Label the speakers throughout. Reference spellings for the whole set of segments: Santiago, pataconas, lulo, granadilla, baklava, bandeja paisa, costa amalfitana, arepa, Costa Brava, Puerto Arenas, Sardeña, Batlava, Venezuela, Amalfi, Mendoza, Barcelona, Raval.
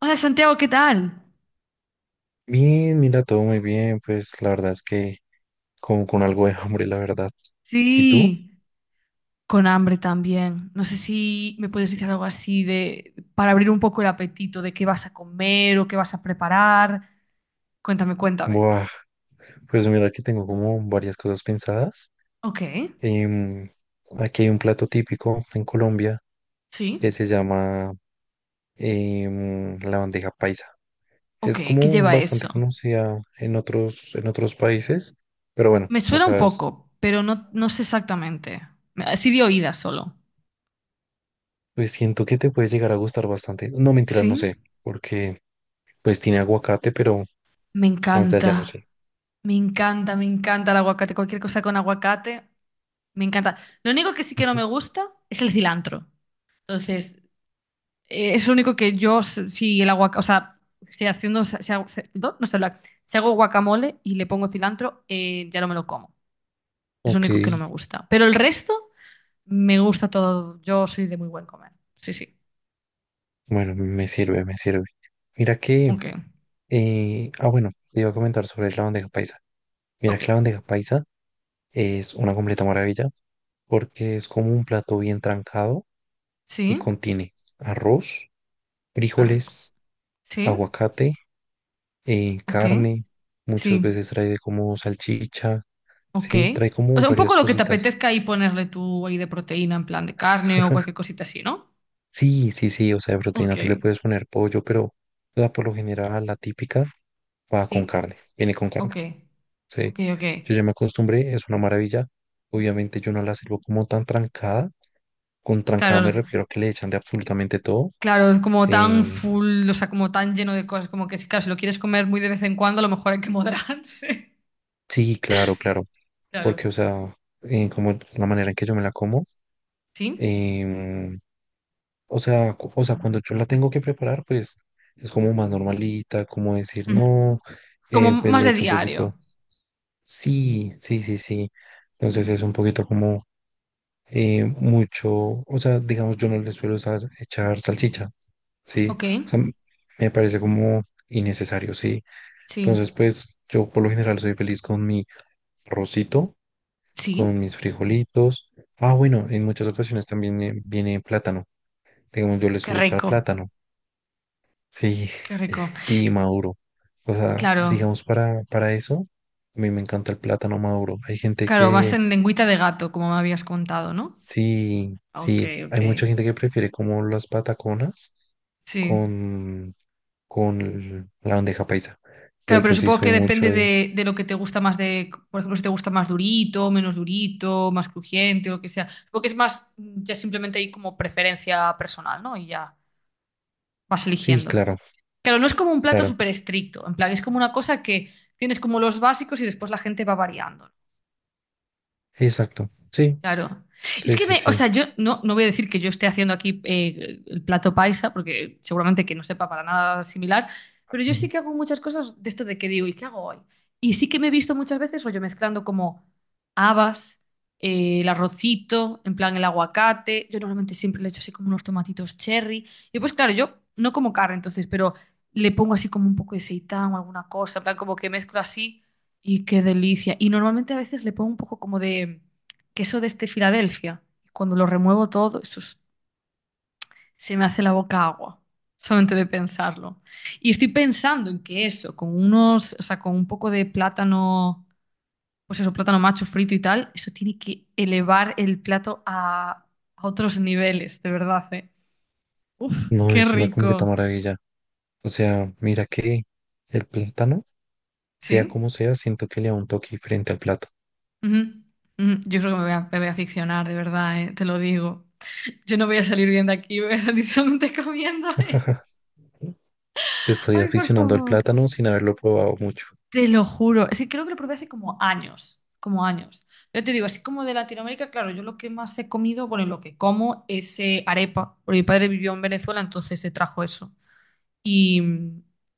Speaker 1: Hola Santiago, ¿qué tal?
Speaker 2: Bien, mira, todo muy bien, pues la verdad es que como con algo de hambre, la verdad. ¿Y tú?
Speaker 1: Sí, con hambre también. No sé si me puedes decir algo así de para abrir un poco el apetito de qué vas a comer o qué vas a preparar. Cuéntame, cuéntame.
Speaker 2: Buah, pues mira que tengo como varias cosas pensadas.
Speaker 1: Ok,
Speaker 2: Em, Aquí hay un plato típico en Colombia que
Speaker 1: sí.
Speaker 2: se llama la bandeja paisa.
Speaker 1: Ok,
Speaker 2: Es
Speaker 1: ¿qué
Speaker 2: como
Speaker 1: lleva
Speaker 2: bastante
Speaker 1: eso?
Speaker 2: conocida en otros, países, pero bueno,
Speaker 1: Me
Speaker 2: o
Speaker 1: suena un
Speaker 2: sea,
Speaker 1: poco, pero no, no sé exactamente. Así de oídas solo.
Speaker 2: pues siento que te puede llegar a gustar bastante. No, mentiras, no
Speaker 1: Sí,
Speaker 2: sé, porque pues tiene aguacate, pero
Speaker 1: me
Speaker 2: más de allá no
Speaker 1: encanta.
Speaker 2: sé.
Speaker 1: Me encanta, me encanta el aguacate. Cualquier cosa con aguacate, me encanta. Lo único que sí que no me gusta es el cilantro. Entonces, es lo único que yo, si el aguacate, o sea, estoy haciendo, si hago, no, no sé hablar. Si hago guacamole y le pongo cilantro, ya no me lo como. Es lo
Speaker 2: Ok.
Speaker 1: único que no me gusta. Pero el resto, me gusta todo. Yo soy de muy buen comer. Sí, sí.
Speaker 2: Bueno, me sirve, me sirve. Mira que,
Speaker 1: Ok.
Speaker 2: bueno, te iba a comentar sobre la bandeja paisa. Mira
Speaker 1: Ok.
Speaker 2: que la bandeja paisa es una completa maravilla porque es como un plato bien trancado y
Speaker 1: Sí.
Speaker 2: contiene arroz,
Speaker 1: Qué rico.
Speaker 2: frijoles,
Speaker 1: Sí.
Speaker 2: aguacate,
Speaker 1: Ok.
Speaker 2: carne, muchas
Speaker 1: Sí.
Speaker 2: veces trae como salchicha,
Speaker 1: Ok.
Speaker 2: sí, trae
Speaker 1: O
Speaker 2: como
Speaker 1: sea, un poco
Speaker 2: varias
Speaker 1: lo que te
Speaker 2: cositas.
Speaker 1: apetezca ahí ponerle tú ahí de proteína, en plan de carne o cualquier cosita así, ¿no?
Speaker 2: Sí, sí, sí, o sea, de proteína tú le
Speaker 1: Ok.
Speaker 2: puedes poner pollo, pero la, por lo general, la típica va con
Speaker 1: Sí.
Speaker 2: carne, viene con
Speaker 1: Ok.
Speaker 2: carne. Sí,
Speaker 1: Ok, ok.
Speaker 2: yo ya me acostumbré, es una maravilla. Obviamente yo no la sirvo como tan trancada. Con trancada
Speaker 1: Claro.
Speaker 2: me refiero a que le echan de absolutamente todo.
Speaker 1: Claro, es como tan
Speaker 2: Eh,
Speaker 1: full, o sea, como tan lleno de cosas, como que si, claro, si lo quieres comer muy de vez en cuando, a lo mejor hay que moderarse.
Speaker 2: sí, claro, claro.
Speaker 1: Claro.
Speaker 2: Porque, o sea, como la manera en que yo me la como,
Speaker 1: ¿Sí?
Speaker 2: em, o sea, o sea, cuando yo la tengo que preparar, pues es como más normalita, como decir,
Speaker 1: Ujú.
Speaker 2: no,
Speaker 1: Como
Speaker 2: pues
Speaker 1: más
Speaker 2: le
Speaker 1: de
Speaker 2: echo un
Speaker 1: diario.
Speaker 2: poquito. Sí, sí, sí, sí. Entonces es un poquito como mucho, o sea, digamos, yo no le suelo echar salchicha. Sí,
Speaker 1: Ok.
Speaker 2: o sea, me parece como innecesario, sí.
Speaker 1: Sí.
Speaker 2: Entonces, pues yo, por lo general, soy feliz con mi arrocito,
Speaker 1: Sí.
Speaker 2: con mis frijolitos. Ah, bueno, en muchas ocasiones también viene plátano. Digamos, yo le
Speaker 1: Qué
Speaker 2: suelo echar
Speaker 1: rico.
Speaker 2: plátano, sí,
Speaker 1: Qué rico.
Speaker 2: y maduro. O sea,
Speaker 1: Claro.
Speaker 2: digamos, para eso, a mí me encanta el plátano maduro. Hay gente
Speaker 1: Claro, más
Speaker 2: que,
Speaker 1: en lengüita de gato, como me habías contado, ¿no?
Speaker 2: sí,
Speaker 1: Ok,
Speaker 2: sí, hay
Speaker 1: ok.
Speaker 2: mucha gente que prefiere como las pataconas
Speaker 1: Sí.
Speaker 2: con con la bandeja paisa. Pero
Speaker 1: Claro, pero
Speaker 2: yo sí
Speaker 1: supongo
Speaker 2: soy
Speaker 1: que
Speaker 2: mucho
Speaker 1: depende
Speaker 2: de...
Speaker 1: de lo que te gusta más de, por ejemplo, si te gusta más durito, menos durito, más crujiente o lo que sea. Supongo que es más, ya simplemente hay como preferencia personal, ¿no? Y ya. Vas
Speaker 2: Sí,
Speaker 1: eligiendo.
Speaker 2: claro,
Speaker 1: Claro, no es como un plato
Speaker 2: claro.
Speaker 1: súper estricto, en plan, es como una cosa que tienes como los básicos y después la gente va variando.
Speaker 2: Exacto. Sí,
Speaker 1: Claro. Es
Speaker 2: sí,
Speaker 1: que
Speaker 2: sí,
Speaker 1: me, o
Speaker 2: sí.
Speaker 1: sea, yo no, no voy a decir que yo esté haciendo aquí el plato paisa, porque seguramente que no sepa para nada similar, pero yo sí
Speaker 2: Ujú.
Speaker 1: que hago muchas cosas de esto de que digo, ¿y qué hago hoy? Y sí que me he visto muchas veces, o yo mezclando como habas, el arrocito, en plan el aguacate. Yo normalmente siempre le echo así como unos tomatitos cherry. Y pues claro, yo no como carne entonces, pero le pongo así como un poco de seitán o alguna cosa, en plan como que mezclo así y qué delicia. Y normalmente a veces le pongo un poco como de queso de este Filadelfia. Cuando lo remuevo todo, se me hace la boca agua, solamente de pensarlo. Y estoy pensando en que eso, con unos, o sea, con un poco de plátano, pues eso, plátano macho frito y tal, eso tiene que elevar el plato a otros niveles, de verdad, ¿eh?
Speaker 2: No,
Speaker 1: Qué
Speaker 2: es una completa
Speaker 1: rico.
Speaker 2: maravilla. O sea, mira que el plátano, sea
Speaker 1: ¿Sí?
Speaker 2: como sea, siento que le da un toque frente al plato.
Speaker 1: Ujú, ujú. Yo creo que me voy a aficionar, de verdad, ¿eh? Te lo digo. Yo no voy a salir bien de aquí, voy a salir solamente comiendo esto.
Speaker 2: Estoy
Speaker 1: Ay, por
Speaker 2: aficionando al
Speaker 1: favor.
Speaker 2: plátano sin haberlo probado mucho.
Speaker 1: Te lo juro, es que creo que lo probé hace como años, como años. Yo te digo, así como de Latinoamérica, claro, yo lo que más he comido, bueno, y lo que como es arepa, porque mi padre vivió en Venezuela, entonces se trajo eso. Y,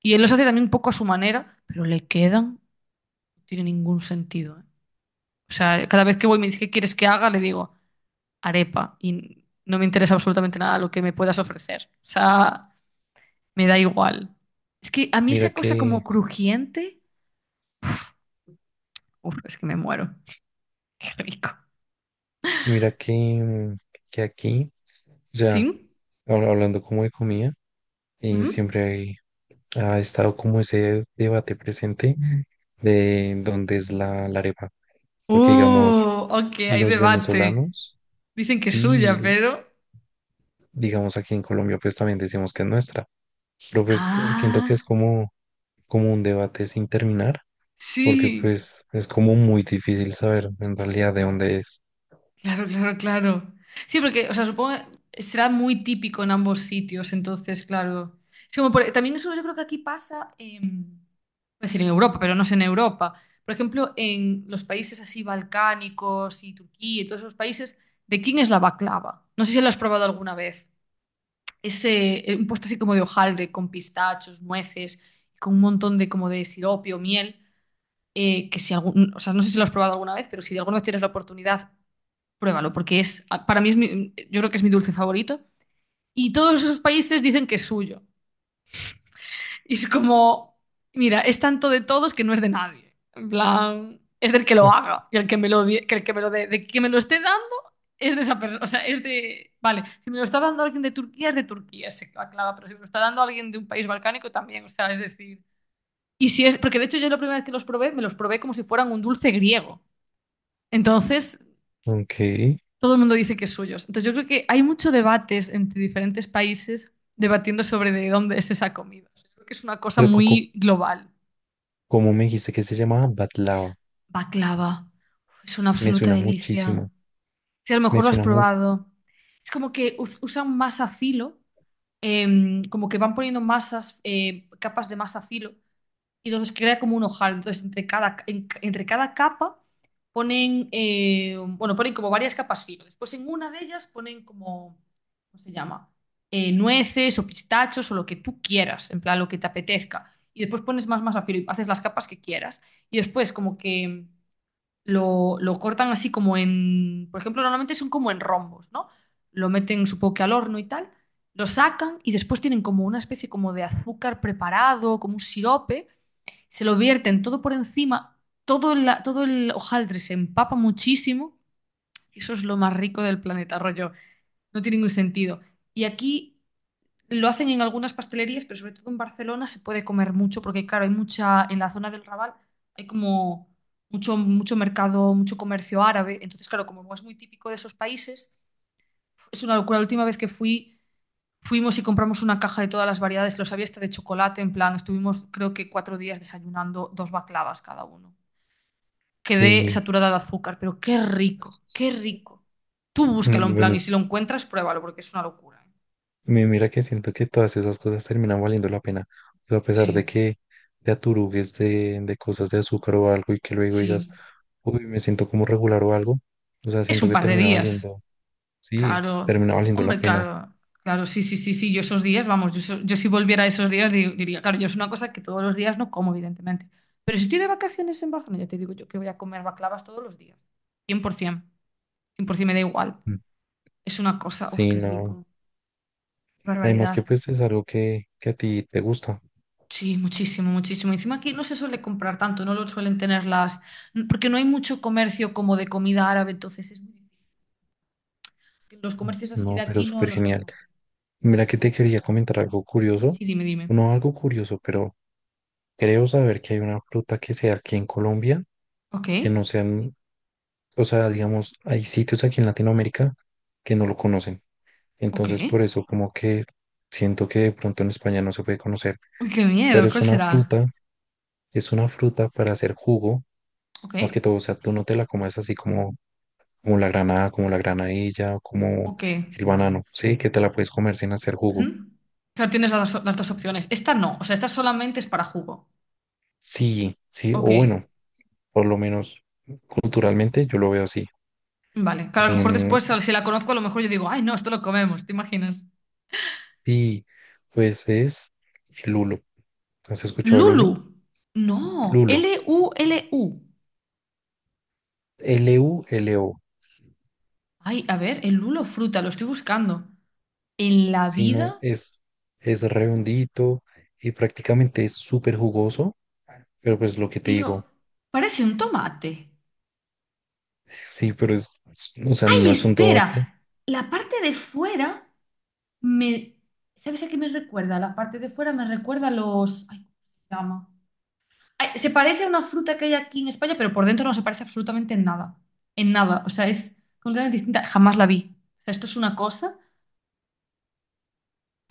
Speaker 1: y él los hace también un poco a su manera, pero le quedan, no tiene ningún sentido. ¿Eh? O sea, cada vez que voy y me dice, ¿qué quieres que haga? Le digo, arepa, y no me interesa absolutamente nada lo que me puedas ofrecer. O sea, me da igual. Es que a mí
Speaker 2: Mira
Speaker 1: esa cosa como
Speaker 2: que,
Speaker 1: crujiente, uf, es que me muero. Qué rico.
Speaker 2: mira que, que aquí, o sea,
Speaker 1: ¿Sí?
Speaker 2: hablando como de comida, y
Speaker 1: Ujú.
Speaker 2: siempre ha estado como ese debate presente, ujú, de dónde es la arepa. Porque digamos,
Speaker 1: Ok, hay
Speaker 2: los
Speaker 1: debate.
Speaker 2: venezolanos,
Speaker 1: Dicen que es
Speaker 2: sí,
Speaker 1: suya, pero...
Speaker 2: digamos aquí en Colombia, pues también decimos que es nuestra, pero pues siento que es
Speaker 1: Ah,
Speaker 2: como un debate sin terminar, porque
Speaker 1: sí.
Speaker 2: pues es como muy difícil saber en realidad de dónde es.
Speaker 1: Claro, claro, claro. Sí, porque, o sea, supongo que será muy típico en ambos sitios, entonces, claro. Es como también eso yo creo que aquí pasa, iba a decir en Europa, pero no es en Europa. Por ejemplo, en los países así balcánicos y Turquía y todos esos países, ¿de quién es la baklava? No sé si lo has probado alguna vez. Ese, un postre así como de hojaldre, con pistachos, nueces, con un montón de como de sirope o miel, que si algún, o sea, no sé si lo has probado alguna vez, pero si de alguna vez tienes la oportunidad, pruébalo, porque es, para mí, yo creo que es mi dulce favorito. Y todos esos países dicen que es suyo. Y es como, mira, es tanto de todos que no es de nadie. En plan, es del que lo
Speaker 2: Ah,
Speaker 1: haga y el que me lo, que el que me lo dé. De que me lo esté dando es de esa persona. O sea, es de. Vale, si me lo está dando alguien de Turquía, es de Turquía, se aclara, pero si me lo está dando alguien de un país balcánico también. O sea, es decir. Y si es. Porque de hecho, yo la primera vez que los probé, me los probé como si fueran un dulce griego. Entonces,
Speaker 2: ok,
Speaker 1: todo el mundo dice que es suyos. Entonces, yo creo que hay mucho debates entre diferentes países debatiendo sobre de dónde es esa comida. O sea, yo creo que es una cosa
Speaker 2: pero
Speaker 1: muy global.
Speaker 2: como me dijiste que se llamaba Batlava,
Speaker 1: Baklava. Es una
Speaker 2: me
Speaker 1: absoluta
Speaker 2: suena
Speaker 1: delicia.
Speaker 2: muchísimo,
Speaker 1: Si a lo
Speaker 2: me
Speaker 1: mejor lo has
Speaker 2: suena mucho,
Speaker 1: probado. Es como que usan masa filo, como que van poniendo masas, capas de masa filo, y entonces crea como un ojal. Entonces, entre cada, entre cada capa ponen, bueno, ponen como varias capas filo. Después en una de ellas ponen como, ¿cómo se llama? Nueces o pistachos o lo que tú quieras, en plan lo que te apetezca. Y después pones más masa filo y haces las capas que quieras. Y después como que lo cortan así como en, por ejemplo, normalmente son como en rombos, ¿no? Lo meten, supongo que al horno y tal, lo sacan y después tienen como una especie como de azúcar preparado, como un sirope, se lo vierten todo por encima, todo la, todo el hojaldre se empapa muchísimo, y eso es lo más rico del planeta, rollo, no tiene ningún sentido. Y aquí lo hacen en algunas pastelerías, pero sobre todo en Barcelona se puede comer mucho porque, claro, hay mucha, en la zona del Raval hay como mucho, mucho mercado, mucho comercio árabe. Entonces, claro, como es muy típico de esos países, es una locura. La última vez que fui, fuimos y compramos una caja de todas las variedades, los había hasta de chocolate, en plan, estuvimos creo que 4 días desayunando 2 baklavas cada uno. Quedé
Speaker 2: sí.
Speaker 1: saturada de azúcar, pero qué rico, qué rico. Tú búscalo
Speaker 2: Mm,
Speaker 1: en plan
Speaker 2: bueno,
Speaker 1: y si lo encuentras, pruébalo porque es una locura. ¿Eh?
Speaker 2: Mira que siento que todas esas cosas terminan valiendo la pena. O sea, a pesar
Speaker 1: Sí,
Speaker 2: de que te aturugues de, cosas de azúcar o algo y que luego digas,
Speaker 1: sí.
Speaker 2: uy, me siento como regular o algo. O sea,
Speaker 1: Es
Speaker 2: siento
Speaker 1: un
Speaker 2: que
Speaker 1: par de
Speaker 2: termina
Speaker 1: días.
Speaker 2: valiendo, sí,
Speaker 1: Claro,
Speaker 2: termina valiendo la
Speaker 1: hombre,
Speaker 2: pena.
Speaker 1: claro, claro, sí, sí, sí, sí, yo esos días, vamos, yo, yo si volviera a esos días, diría, claro, yo es una cosa que todos los días no como, evidentemente, pero si estoy de vacaciones en Barcelona, ya te digo yo que voy a comer baklavas todos los días, por ciento, cien por 100% me da igual,
Speaker 2: Mm.
Speaker 1: es una cosa, uf,
Speaker 2: Sí,
Speaker 1: qué
Speaker 2: no.
Speaker 1: rico, qué
Speaker 2: Además que
Speaker 1: barbaridad,
Speaker 2: pues es algo que a ti te gusta.
Speaker 1: sí, muchísimo, muchísimo, encima aquí no se suele comprar tanto, no lo suelen tener las, porque no hay mucho comercio como de comida árabe, entonces es muy difícil, los
Speaker 2: Mm.
Speaker 1: comercios así de
Speaker 2: No, pero
Speaker 1: aquí no
Speaker 2: súper
Speaker 1: lo suelen
Speaker 2: genial.
Speaker 1: hacer,
Speaker 2: Mira que
Speaker 1: sí,
Speaker 2: te quería comentar algo curioso.
Speaker 1: sí, dime, dime,
Speaker 2: No algo curioso, pero creo saber que hay una fruta que sea aquí en Colombia,
Speaker 1: ok,
Speaker 2: que no sea, o sea, digamos, hay sitios aquí en Latinoamérica que no lo conocen.
Speaker 1: ok.
Speaker 2: Entonces, por eso como que siento que de pronto en España no se puede conocer,
Speaker 1: Uy, qué
Speaker 2: pero
Speaker 1: miedo, ¿cuál será?
Speaker 2: es una fruta para hacer jugo,
Speaker 1: ¿Ok?
Speaker 2: más que todo. O sea, tú no te la comes así como, como la granada, como la granadilla, o como
Speaker 1: ¿Ok?
Speaker 2: el banano, ¿sí? Que te la puedes comer sin hacer
Speaker 1: Ujú.
Speaker 2: jugo.
Speaker 1: Claro, tienes dos las dos opciones. Esta no, o sea, esta solamente es para jugo.
Speaker 2: Sí, sí, o
Speaker 1: Ok,
Speaker 2: bueno, por lo menos culturalmente yo lo veo así.
Speaker 1: vale. Claro, a lo mejor
Speaker 2: Em,
Speaker 1: después, si la conozco, a lo mejor yo digo, ay, no, esto lo comemos, ¿te imaginas?
Speaker 2: y pues es el lulo. ¿Has escuchado el
Speaker 1: Lulu.
Speaker 2: lulo?
Speaker 1: No,
Speaker 2: Lulo.
Speaker 1: L-U-L-U.
Speaker 2: Lulo,
Speaker 1: Ay, a ver, el lulo fruta, lo estoy buscando. En la
Speaker 2: sino
Speaker 1: vida,
Speaker 2: es redondito y prácticamente es súper jugoso, pero pues lo que te
Speaker 1: pero
Speaker 2: digo,
Speaker 1: parece un tomate.
Speaker 2: sí, pero o sea,
Speaker 1: Ay,
Speaker 2: no es un tomate,
Speaker 1: espera, la parte de fuera. Me, ¿sabes a qué me recuerda? La parte de fuera me recuerda a los... Ay, ¿cómo se llama? Ay, se parece a una fruta que hay aquí en España, pero por dentro no se parece absolutamente en nada. En nada. O sea, es completamente distinta. Jamás la vi. O sea, esto es una cosa.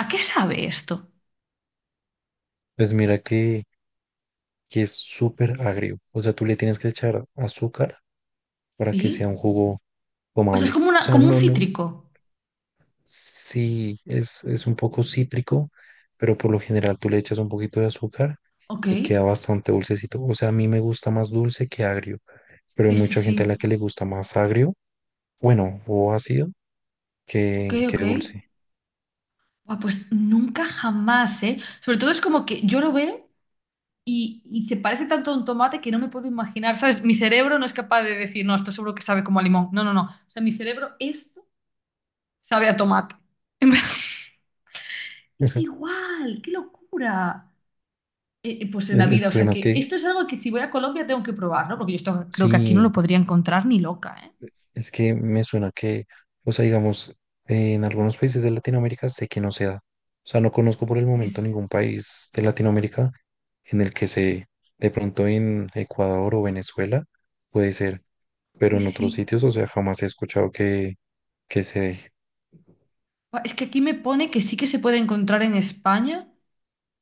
Speaker 1: ¿A qué sabe esto?
Speaker 2: pues mira que, es súper agrio, o sea, tú le tienes que echar azúcar para que sea un
Speaker 1: ¿Sí?
Speaker 2: jugo
Speaker 1: O sea, es
Speaker 2: tomable,
Speaker 1: como,
Speaker 2: o
Speaker 1: una,
Speaker 2: sea,
Speaker 1: como un
Speaker 2: no, no,
Speaker 1: cítrico.
Speaker 2: sí, es, un poco cítrico, pero por lo general tú le echas un poquito de azúcar
Speaker 1: Ok.
Speaker 2: y queda bastante dulcecito. O sea, a mí me gusta más dulce que agrio, pero hay
Speaker 1: Sí, sí,
Speaker 2: mucha gente a la
Speaker 1: sí.
Speaker 2: que le gusta más agrio. Bueno, o ácido
Speaker 1: Ok,
Speaker 2: que,
Speaker 1: ok.
Speaker 2: dulce.
Speaker 1: Buah, pues nunca jamás, ¿eh? Sobre todo es como que yo lo veo. Y se parece tanto a un tomate que no me puedo imaginar, ¿sabes? Mi cerebro no es capaz de decir, no, esto seguro que sabe como a limón. No, no, no. O sea, mi cerebro, esto sabe a tomate. Es igual, qué locura. Pues en la
Speaker 2: El
Speaker 1: vida, o sea
Speaker 2: problema es
Speaker 1: que
Speaker 2: que
Speaker 1: esto es algo que si voy a Colombia tengo que probar, ¿no? Porque yo esto creo que aquí no lo
Speaker 2: sí,
Speaker 1: podría encontrar ni loca, ¿eh?
Speaker 2: es que me suena que, o sea, digamos, en algunos países de Latinoamérica sé que no se da. O sea, no conozco por el momento
Speaker 1: Es,
Speaker 2: ningún país de Latinoamérica en el que se, de pronto en Ecuador o Venezuela, puede ser, pero en
Speaker 1: es
Speaker 2: otros
Speaker 1: sí.
Speaker 2: sitios, o sea, jamás he escuchado que, se dé.
Speaker 1: Buah, es que aquí me pone que sí que se puede encontrar en España,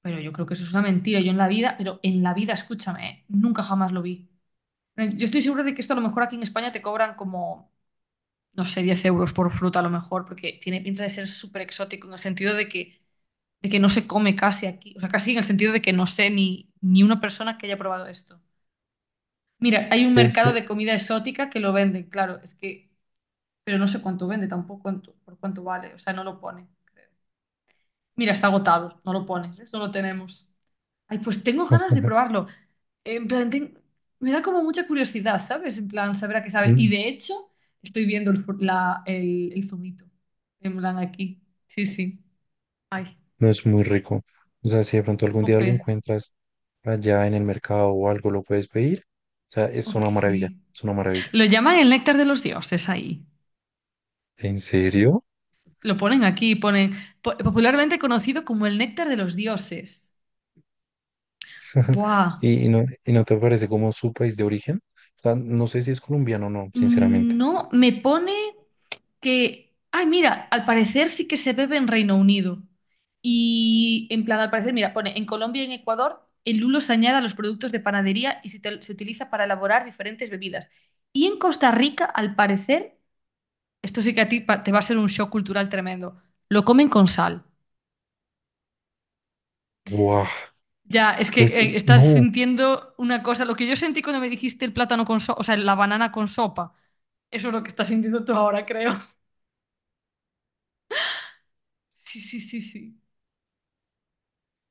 Speaker 1: pero yo creo que eso es una mentira. Yo en la vida, pero en la vida, escúchame, ¿eh? Nunca jamás lo vi. Yo estoy segura de que esto a lo mejor aquí en España te cobran como, no sé, 10 euros por fruta a lo mejor, porque tiene pinta de ser súper exótico en el sentido de que no se come casi aquí. O sea, casi en el sentido de que no sé ni, ni una persona que haya probado esto. Mira, hay un
Speaker 2: Que
Speaker 1: mercado
Speaker 2: se-
Speaker 1: de comida exótica que lo venden, claro, es que, pero no sé cuánto vende tampoco, por cuánto vale, o sea, no lo pone, creo. Mira, está agotado, no lo pone, eso lo tenemos. Ay, pues tengo ganas de probarlo. En plan, me da como mucha curiosidad, ¿sabes? En plan, saber a qué sabe. Y
Speaker 2: Mm,
Speaker 1: de hecho, estoy viendo el, el zumito. En plan, aquí. Sí, sí. Ay,
Speaker 2: No es muy rico. O sea, si de pronto algún día lo
Speaker 1: jope.
Speaker 2: encuentras allá en el mercado o algo, lo puedes pedir. O sea, es una maravilla,
Speaker 1: Ok.
Speaker 2: es una maravilla.
Speaker 1: Lo llaman el néctar de los dioses ahí.
Speaker 2: ¿En serio?
Speaker 1: Lo ponen aquí, ponen popularmente conocido como el néctar de los dioses. Buah.
Speaker 2: ¿Y no te parece como su país de origen? O sea, no sé si es colombiano o no, sinceramente.
Speaker 1: No, me pone. Que, ay, mira, al parecer sí que se bebe en Reino Unido. Y en plan, al parecer, mira, pone, en Colombia y en Ecuador, el lulo se añade a los productos de panadería y se se utiliza para elaborar diferentes bebidas. Y en Costa Rica, al parecer, esto sí que a ti te va a ser un shock cultural tremendo, lo comen con sal.
Speaker 2: ¡Guau!
Speaker 1: Ya, es que
Speaker 2: Pues
Speaker 1: estás
Speaker 2: no,
Speaker 1: sintiendo una cosa, lo que yo sentí cuando me dijiste el plátano con sopa, o sea, la banana con sopa, eso es lo que estás sintiendo tú ahora, creo. Sí, sí, sí, sí.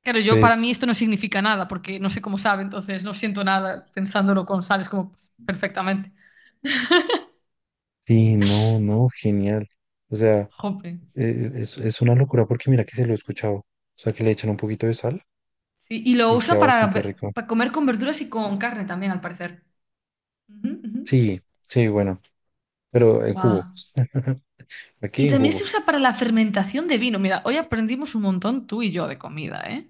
Speaker 1: Claro, yo para mí
Speaker 2: pues
Speaker 1: esto no significa nada, porque no sé cómo sabe, entonces no siento nada pensándolo con sal, es como pues, perfectamente.
Speaker 2: sí, no, no, genial. O sea,
Speaker 1: Jope.
Speaker 2: es una locura porque mira que se lo he escuchado. O sea, que le echan un poquito de sal
Speaker 1: Sí, y lo
Speaker 2: y
Speaker 1: usan
Speaker 2: queda
Speaker 1: para,
Speaker 2: bastante rico.
Speaker 1: para comer con verduras y con carne también, al parecer. Ujú, ujú.
Speaker 2: Sí, sí, bueno, pero en jugo.
Speaker 1: Buah.
Speaker 2: Aquí
Speaker 1: Y
Speaker 2: en
Speaker 1: también se
Speaker 2: jugo.
Speaker 1: usa para la fermentación de vino. Mira, hoy aprendimos un montón tú y yo de comida, ¿eh?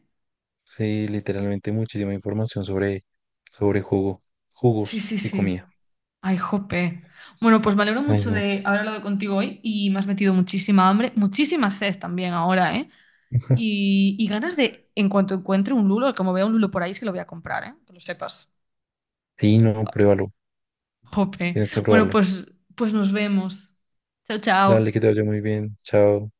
Speaker 2: Sí, literalmente muchísima información sobre, sobre jugo,
Speaker 1: Sí,
Speaker 2: jugos
Speaker 1: sí,
Speaker 2: y
Speaker 1: sí.
Speaker 2: comida.
Speaker 1: Ay, jope. Bueno, pues me alegro
Speaker 2: Ay,
Speaker 1: mucho
Speaker 2: no.
Speaker 1: de haber hablado contigo hoy y me has metido muchísima hambre, muchísima sed también ahora, ¿eh? Y ganas de, en cuanto encuentre un lulo, como vea un lulo por ahí, es que lo voy a comprar, ¿eh? Que lo sepas.
Speaker 2: Sí, no, pruébalo.
Speaker 1: Jope.
Speaker 2: Tienes que
Speaker 1: Bueno,
Speaker 2: probarlo.
Speaker 1: pues, pues nos vemos. Chao,
Speaker 2: Dale,
Speaker 1: chao.
Speaker 2: que te vaya muy bien. Chao.